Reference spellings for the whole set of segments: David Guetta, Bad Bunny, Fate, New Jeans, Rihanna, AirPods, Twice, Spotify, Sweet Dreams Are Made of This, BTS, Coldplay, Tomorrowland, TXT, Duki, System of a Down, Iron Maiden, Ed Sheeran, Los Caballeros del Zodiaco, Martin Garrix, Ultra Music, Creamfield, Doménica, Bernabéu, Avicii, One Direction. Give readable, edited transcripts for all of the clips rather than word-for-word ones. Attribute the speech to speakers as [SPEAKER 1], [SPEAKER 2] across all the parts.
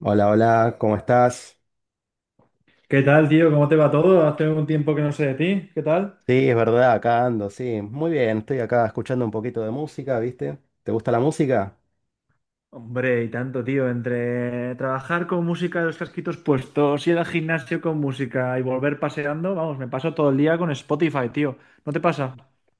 [SPEAKER 1] Hola, hola, ¿cómo estás?
[SPEAKER 2] ¿Qué tal, tío? ¿Cómo te va todo? Hace un tiempo que no sé de ti. ¿Qué tal?
[SPEAKER 1] Sí, es verdad, acá ando, sí. Muy bien, estoy acá escuchando un poquito de música, ¿viste? ¿Te gusta la música?
[SPEAKER 2] Hombre, y tanto, tío, entre trabajar con música los casquitos puestos, ir al gimnasio con música y volver paseando, vamos, me paso todo el día con Spotify, tío. ¿No te pasa?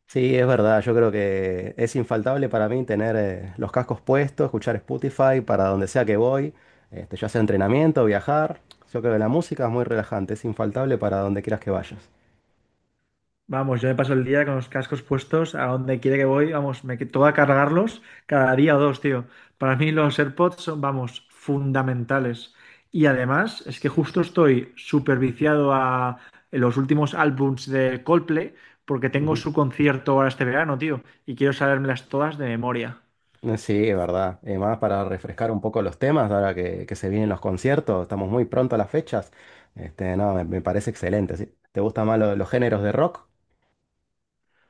[SPEAKER 1] Sí, es verdad, yo creo que es infaltable para mí tener los cascos puestos, escuchar Spotify para donde sea que voy, ya sea entrenamiento, viajar. Yo creo que la música es muy relajante, es infaltable para donde quieras que vayas.
[SPEAKER 2] Vamos, yo me paso el día con los cascos puestos a donde quiera que voy, vamos, toca cargarlos cada día o dos, tío. Para mí los AirPods son, vamos, fundamentales. Y además es que justo estoy súper viciado a los últimos álbums de Coldplay porque tengo su concierto ahora este verano, tío, y quiero sabérmelas todas de memoria.
[SPEAKER 1] Sí, es verdad. Y más para refrescar un poco los temas, ahora que se vienen los conciertos, estamos muy pronto a las fechas. No, me parece excelente. ¿Sí? ¿Te gustan más los géneros de rock?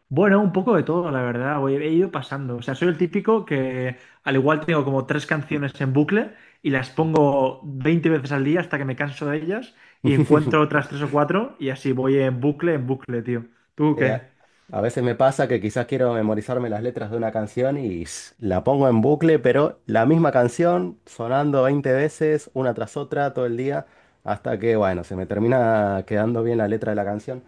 [SPEAKER 2] Bueno, un poco de todo, la verdad. He ido pasando. O sea, soy el típico que al igual tengo como tres canciones en bucle y las pongo 20 veces al día hasta que me canso de ellas y encuentro otras tres o cuatro y así voy en bucle, tío. ¿Tú
[SPEAKER 1] Sí,
[SPEAKER 2] qué?
[SPEAKER 1] a veces me pasa que quizás quiero memorizarme las letras de una canción y la pongo en bucle, pero la misma canción sonando 20 veces, una tras otra, todo el día, hasta que, bueno, se me termina quedando bien la letra de la canción.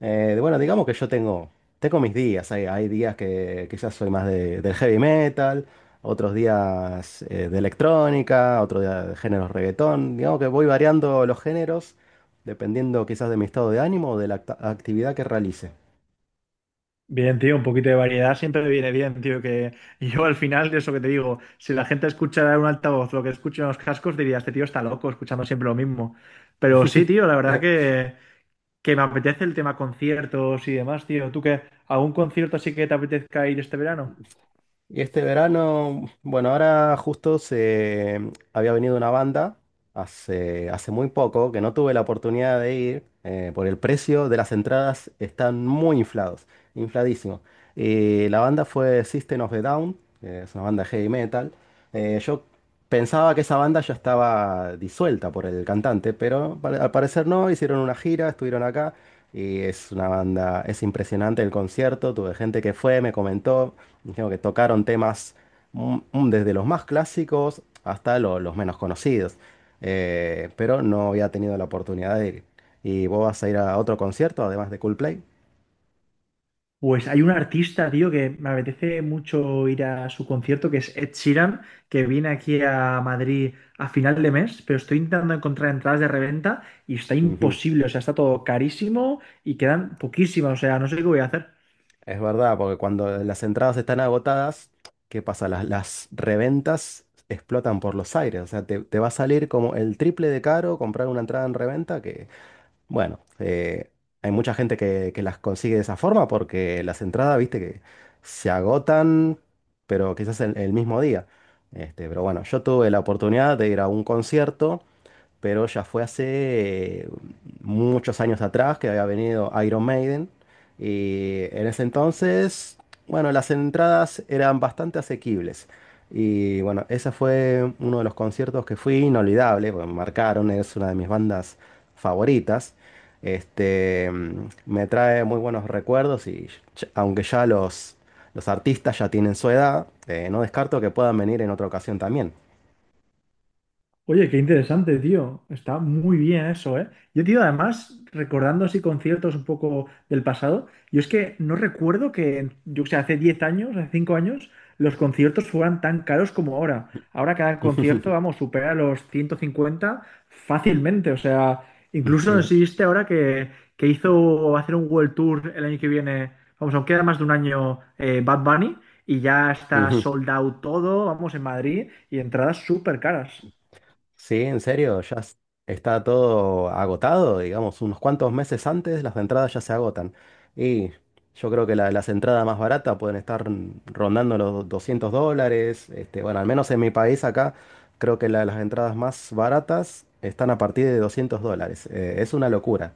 [SPEAKER 1] Bueno, digamos que yo tengo mis días. Hay días que quizás soy más del heavy metal, otros días de electrónica, otros días de géneros reggaetón. Digamos que voy variando los géneros dependiendo quizás de mi estado de ánimo o de la actividad que realice.
[SPEAKER 2] Bien, tío, un poquito de variedad siempre viene bien, tío, que yo al final, eso que te digo, si la gente escuchara en un altavoz lo que escucha en los cascos, diría, este tío está loco escuchando siempre lo mismo. Pero sí, tío, la verdad que me apetece el tema conciertos y demás, tío. ¿Tú qué? ¿Algún concierto así que te apetezca ir este verano?
[SPEAKER 1] Y este verano, bueno, ahora justo había venido una banda hace muy poco, que no tuve la oportunidad de ir, por el precio de las entradas están muy inflados, infladísimos. Y la banda fue System of a Down, que es una banda heavy metal. Yo pensaba que esa banda ya estaba disuelta por el cantante, pero al parecer no, hicieron una gira, estuvieron acá. Y es una banda, es impresionante el concierto, tuve gente que fue, me comentó. Tengo que tocaron temas desde los más clásicos hasta los menos conocidos. Pero no había tenido la oportunidad de ir. ¿Y vos vas a ir a otro concierto además de Coldplay?
[SPEAKER 2] Pues hay un artista, tío, que me apetece mucho ir a su concierto, que es Ed Sheeran, que viene aquí a Madrid a final de mes, pero estoy intentando encontrar entradas de reventa y está
[SPEAKER 1] Ujú.
[SPEAKER 2] imposible, o sea, está todo carísimo y quedan poquísimas, o sea, no sé qué voy a hacer.
[SPEAKER 1] Es verdad, porque cuando las entradas están agotadas, ¿qué pasa? Las reventas explotan por los aires. O sea, te va a salir como el triple de caro comprar una entrada en reventa. Bueno, hay mucha gente que las consigue de esa forma porque las entradas, viste, que se agotan, pero quizás el mismo día. Pero bueno, yo tuve la oportunidad de ir a un concierto pero ya fue hace muchos años atrás que había venido Iron Maiden. Y en ese entonces, bueno, las entradas eran bastante asequibles. Y bueno, ese fue uno de los conciertos que fui inolvidable, porque me marcaron, es una de mis bandas favoritas. Me trae muy buenos recuerdos y aunque ya los artistas ya tienen su edad, no descarto que puedan venir en otra ocasión también.
[SPEAKER 2] Oye, qué interesante, tío. Está muy bien eso, ¿eh? Yo, tío, además, recordando así conciertos un poco del pasado, yo es que no recuerdo que, yo que sé, hace 10 años, hace 5 años, los conciertos fueran tan caros como ahora. Ahora cada concierto, vamos, supera los 150 fácilmente. O sea, incluso no sé
[SPEAKER 1] Sí.
[SPEAKER 2] si viste ahora que hizo hacer un World Tour el año que viene, vamos, aún queda más de un año Bad Bunny, y ya está sold out todo, vamos, en Madrid, y entradas súper caras.
[SPEAKER 1] Sí, en serio, ya está todo agotado, digamos, unos cuantos meses antes las entradas ya se agotan. Y yo creo que las entradas más baratas pueden estar rondando los $200. Bueno, al menos en mi país acá, creo que las entradas más baratas están a partir de $200. Es una locura.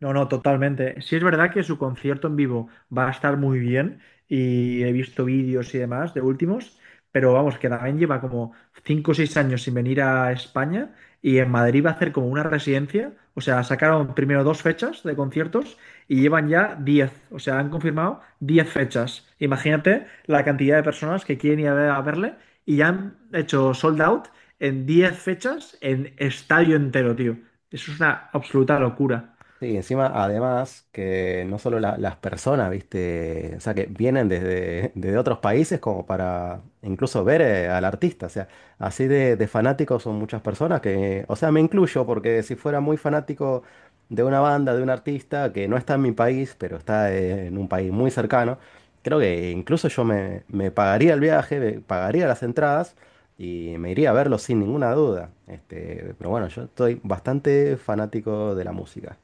[SPEAKER 2] No, no, totalmente. Sí es verdad que su concierto en vivo va a estar muy bien y he visto vídeos y demás de últimos, pero vamos, que también lleva como 5 o 6 años sin venir a España y en Madrid va a hacer como una residencia, o sea, sacaron primero dos fechas de conciertos y llevan ya 10, o sea, han confirmado 10 fechas. Imagínate la cantidad de personas que quieren ir a verle y ya han hecho sold out en 10 fechas en estadio entero, tío. Eso es una absoluta locura.
[SPEAKER 1] Sí, encima, además, que no solo las personas, ¿viste? O sea, que vienen desde, desde otros países como para incluso ver al artista. O sea, así de fanáticos son muchas personas que, o sea, me incluyo porque si fuera muy fanático de una banda, de un artista que no está en mi país, pero está en un país muy cercano, creo que incluso yo me pagaría el viaje, me pagaría las entradas. Y me iría a verlo sin ninguna duda. Pero bueno, yo estoy bastante fanático de la música.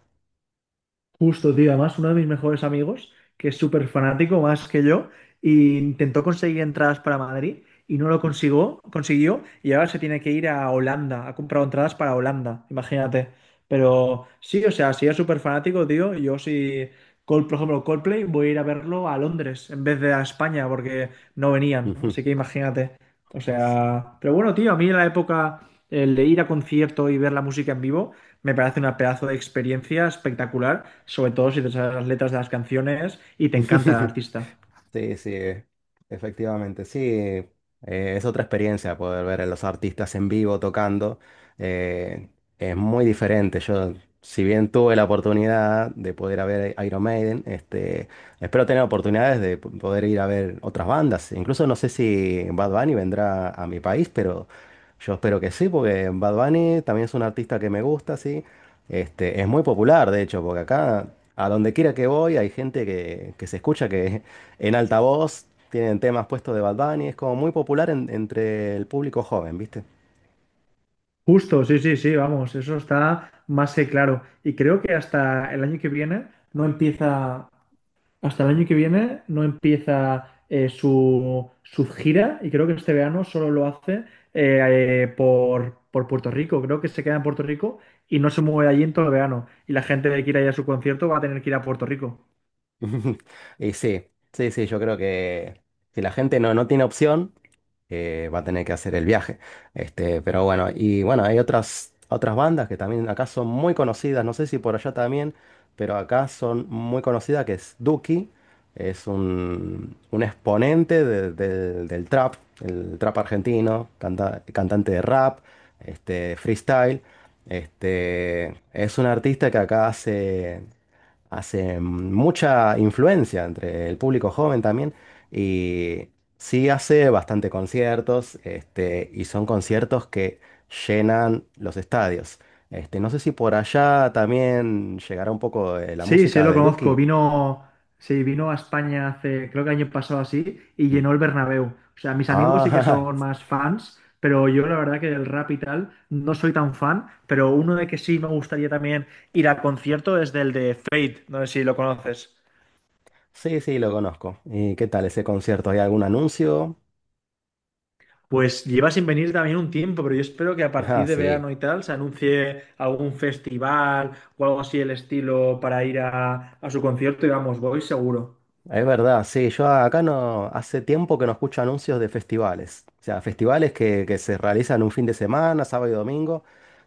[SPEAKER 2] Justo, tío. Además, uno de mis mejores amigos, que es súper fanático más que yo, y intentó conseguir entradas para Madrid y no lo consiguió, consiguió y ahora se tiene que ir a Holanda. Ha comprado entradas para Holanda, imagínate. Pero sí, o sea, si es súper fanático, tío, yo sí, por ejemplo, Coldplay, voy a ir a verlo a Londres en vez de a España porque no venían.
[SPEAKER 1] Ujú.
[SPEAKER 2] Así que imagínate. O sea, pero bueno, tío, a mí la época, el de ir a concierto y ver la música en vivo. Me parece una pedazo de experiencia espectacular, sobre todo si te sabes las letras de las canciones y te encanta el artista.
[SPEAKER 1] Sí, sí, efectivamente, sí. Es otra experiencia poder ver a los artistas en vivo tocando. eh, es muy diferente. Yo, si bien tuve la oportunidad de poder ir a ver a Iron Maiden, espero tener oportunidades de poder ir a ver otras bandas. Incluso no sé si Bad Bunny vendrá a mi país, pero yo espero que sí, porque Bad Bunny también es un artista que me gusta, sí. Es muy popular, de hecho, porque acá, a donde quiera que voy, hay gente que se escucha que en altavoz tienen temas puestos de Bad Bunny. Es como muy popular entre el público joven, ¿viste?
[SPEAKER 2] Justo, sí, sí, sí, vamos, eso está más que claro. Y creo que hasta el año que viene no empieza, hasta el año que viene no empieza su, gira y creo que este verano solo lo hace por Puerto Rico. Creo que se queda en Puerto Rico y no se mueve de allí en todo el verano. Y la gente que quiera ir a su concierto va a tener que ir a Puerto Rico.
[SPEAKER 1] Y sí, sí, sí, yo creo que si la gente no, no tiene opción. Va a tener que hacer el viaje. Pero bueno, y bueno, hay otras bandas que también acá son muy conocidas, no sé si por allá también, pero acá son muy conocidas, que es Duki, es un exponente del trap, el trap argentino, cantante de rap, freestyle. Es un artista que acá hace mucha influencia entre el público joven también y sí hace bastante conciertos, y son conciertos que llenan los estadios. No sé si por allá también llegará un poco de la
[SPEAKER 2] Sí, sí,
[SPEAKER 1] música
[SPEAKER 2] lo
[SPEAKER 1] de
[SPEAKER 2] conozco.
[SPEAKER 1] Duki.
[SPEAKER 2] Vino, sí, vino a España hace, creo que año pasado así, y
[SPEAKER 1] Mm.
[SPEAKER 2] llenó el Bernabéu. O sea, mis amigos sí que
[SPEAKER 1] Ah,
[SPEAKER 2] son más fans, pero yo la verdad que del rap y tal no soy tan fan, pero uno de que sí me gustaría también ir a concierto es del de Fate, no sé si lo conoces.
[SPEAKER 1] sí, sí, lo conozco. ¿Y qué tal ese concierto? ¿Hay algún anuncio?
[SPEAKER 2] Pues lleva sin venir también un tiempo, pero yo espero que a
[SPEAKER 1] Ah,
[SPEAKER 2] partir de
[SPEAKER 1] sí.
[SPEAKER 2] verano y tal se anuncie algún festival o algo así el estilo para ir a su concierto y vamos, voy seguro.
[SPEAKER 1] Es verdad, sí, yo acá no, hace tiempo que no escucho anuncios de festivales, o sea, festivales que se realizan un fin de semana, sábado y domingo,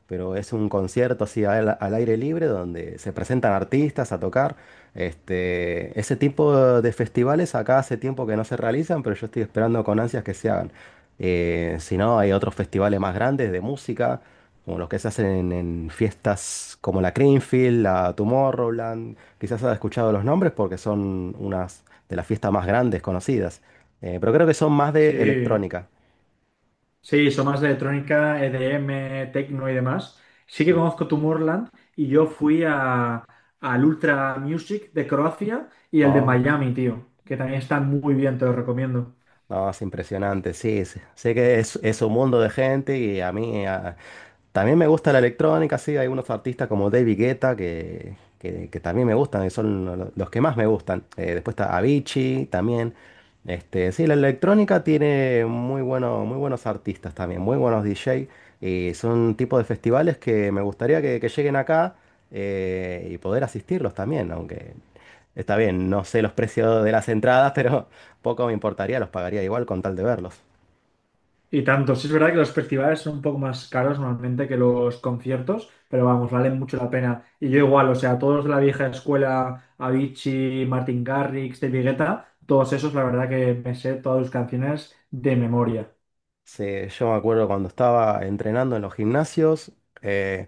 [SPEAKER 1] pero es un concierto así al aire libre donde se presentan artistas a tocar. Ese tipo de festivales acá hace tiempo que no se realizan, pero yo estoy esperando con ansias que se hagan. Si no, hay otros festivales más grandes de música, como los que se hacen en fiestas como la Creamfield, la Tomorrowland. Quizás has escuchado los nombres porque son unas de las fiestas más grandes conocidas. Pero creo que son más de
[SPEAKER 2] Sí,
[SPEAKER 1] electrónica.
[SPEAKER 2] sí, son más de electrónica, EDM, techno y demás. Sí que
[SPEAKER 1] Mm.
[SPEAKER 2] conozco Tomorrowland y yo fui al Ultra Music de Croacia y el de
[SPEAKER 1] Oh.
[SPEAKER 2] Miami, tío, que también están muy bien, te lo recomiendo.
[SPEAKER 1] No, es impresionante, sí, sí. Sé que es un mundo de gente y a mí también me gusta la electrónica, sí, hay unos artistas como David Guetta que también me gustan, y son los que más me gustan. Después está Avicii también. Sí, la electrónica tiene muy buenos artistas también, muy buenos DJ y son tipos de festivales que me gustaría que lleguen acá y poder asistirlos también, aunque está bien, no sé los precios de las entradas, pero, poco me importaría, los pagaría igual con tal de verlos.
[SPEAKER 2] Y tanto, sí es verdad que los festivales son un poco más caros normalmente que los conciertos, pero vamos, valen mucho la pena. Y yo igual, o sea, todos de la vieja escuela, Avicii, Martin Garrix, David Guetta, todos esos, la verdad que me sé todas sus canciones de memoria.
[SPEAKER 1] Sí, yo me acuerdo cuando estaba entrenando en los gimnasios, eh,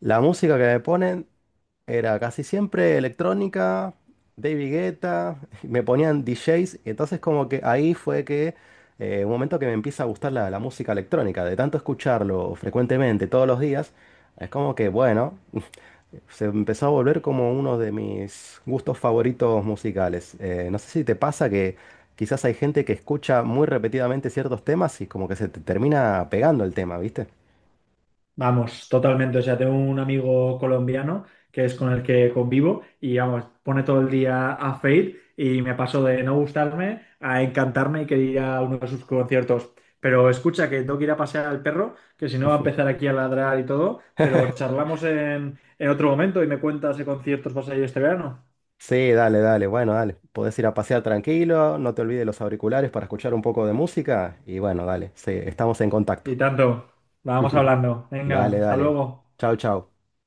[SPEAKER 1] la música que me ponen era casi siempre electrónica, David Guetta, me ponían DJs, y entonces como que ahí fue que un momento que me empieza a gustar la música electrónica, de tanto escucharlo frecuentemente todos los días, es como que bueno, se empezó a volver como uno de mis gustos favoritos musicales. No sé si te pasa que quizás hay gente que escucha muy repetidamente ciertos temas y como que se te termina pegando el tema, ¿viste?
[SPEAKER 2] Vamos, totalmente. O sea, tengo un amigo colombiano que es con el que convivo y vamos, pone todo el día a Fade y me paso de no gustarme a encantarme y querer ir a uno de sus conciertos. Pero escucha que tengo que ir a pasear al perro, que si no va a empezar aquí a ladrar y todo, pero charlamos en otro momento y me cuentas qué conciertos vas a ir este verano.
[SPEAKER 1] Sí, dale, dale, bueno, dale. Podés ir a pasear tranquilo, no te olvides los auriculares para escuchar un poco de música y bueno, dale, sí, estamos en contacto.
[SPEAKER 2] Y tanto, vamos hablando. Venga,
[SPEAKER 1] Dale,
[SPEAKER 2] hasta
[SPEAKER 1] dale.
[SPEAKER 2] luego.
[SPEAKER 1] Chau, chau.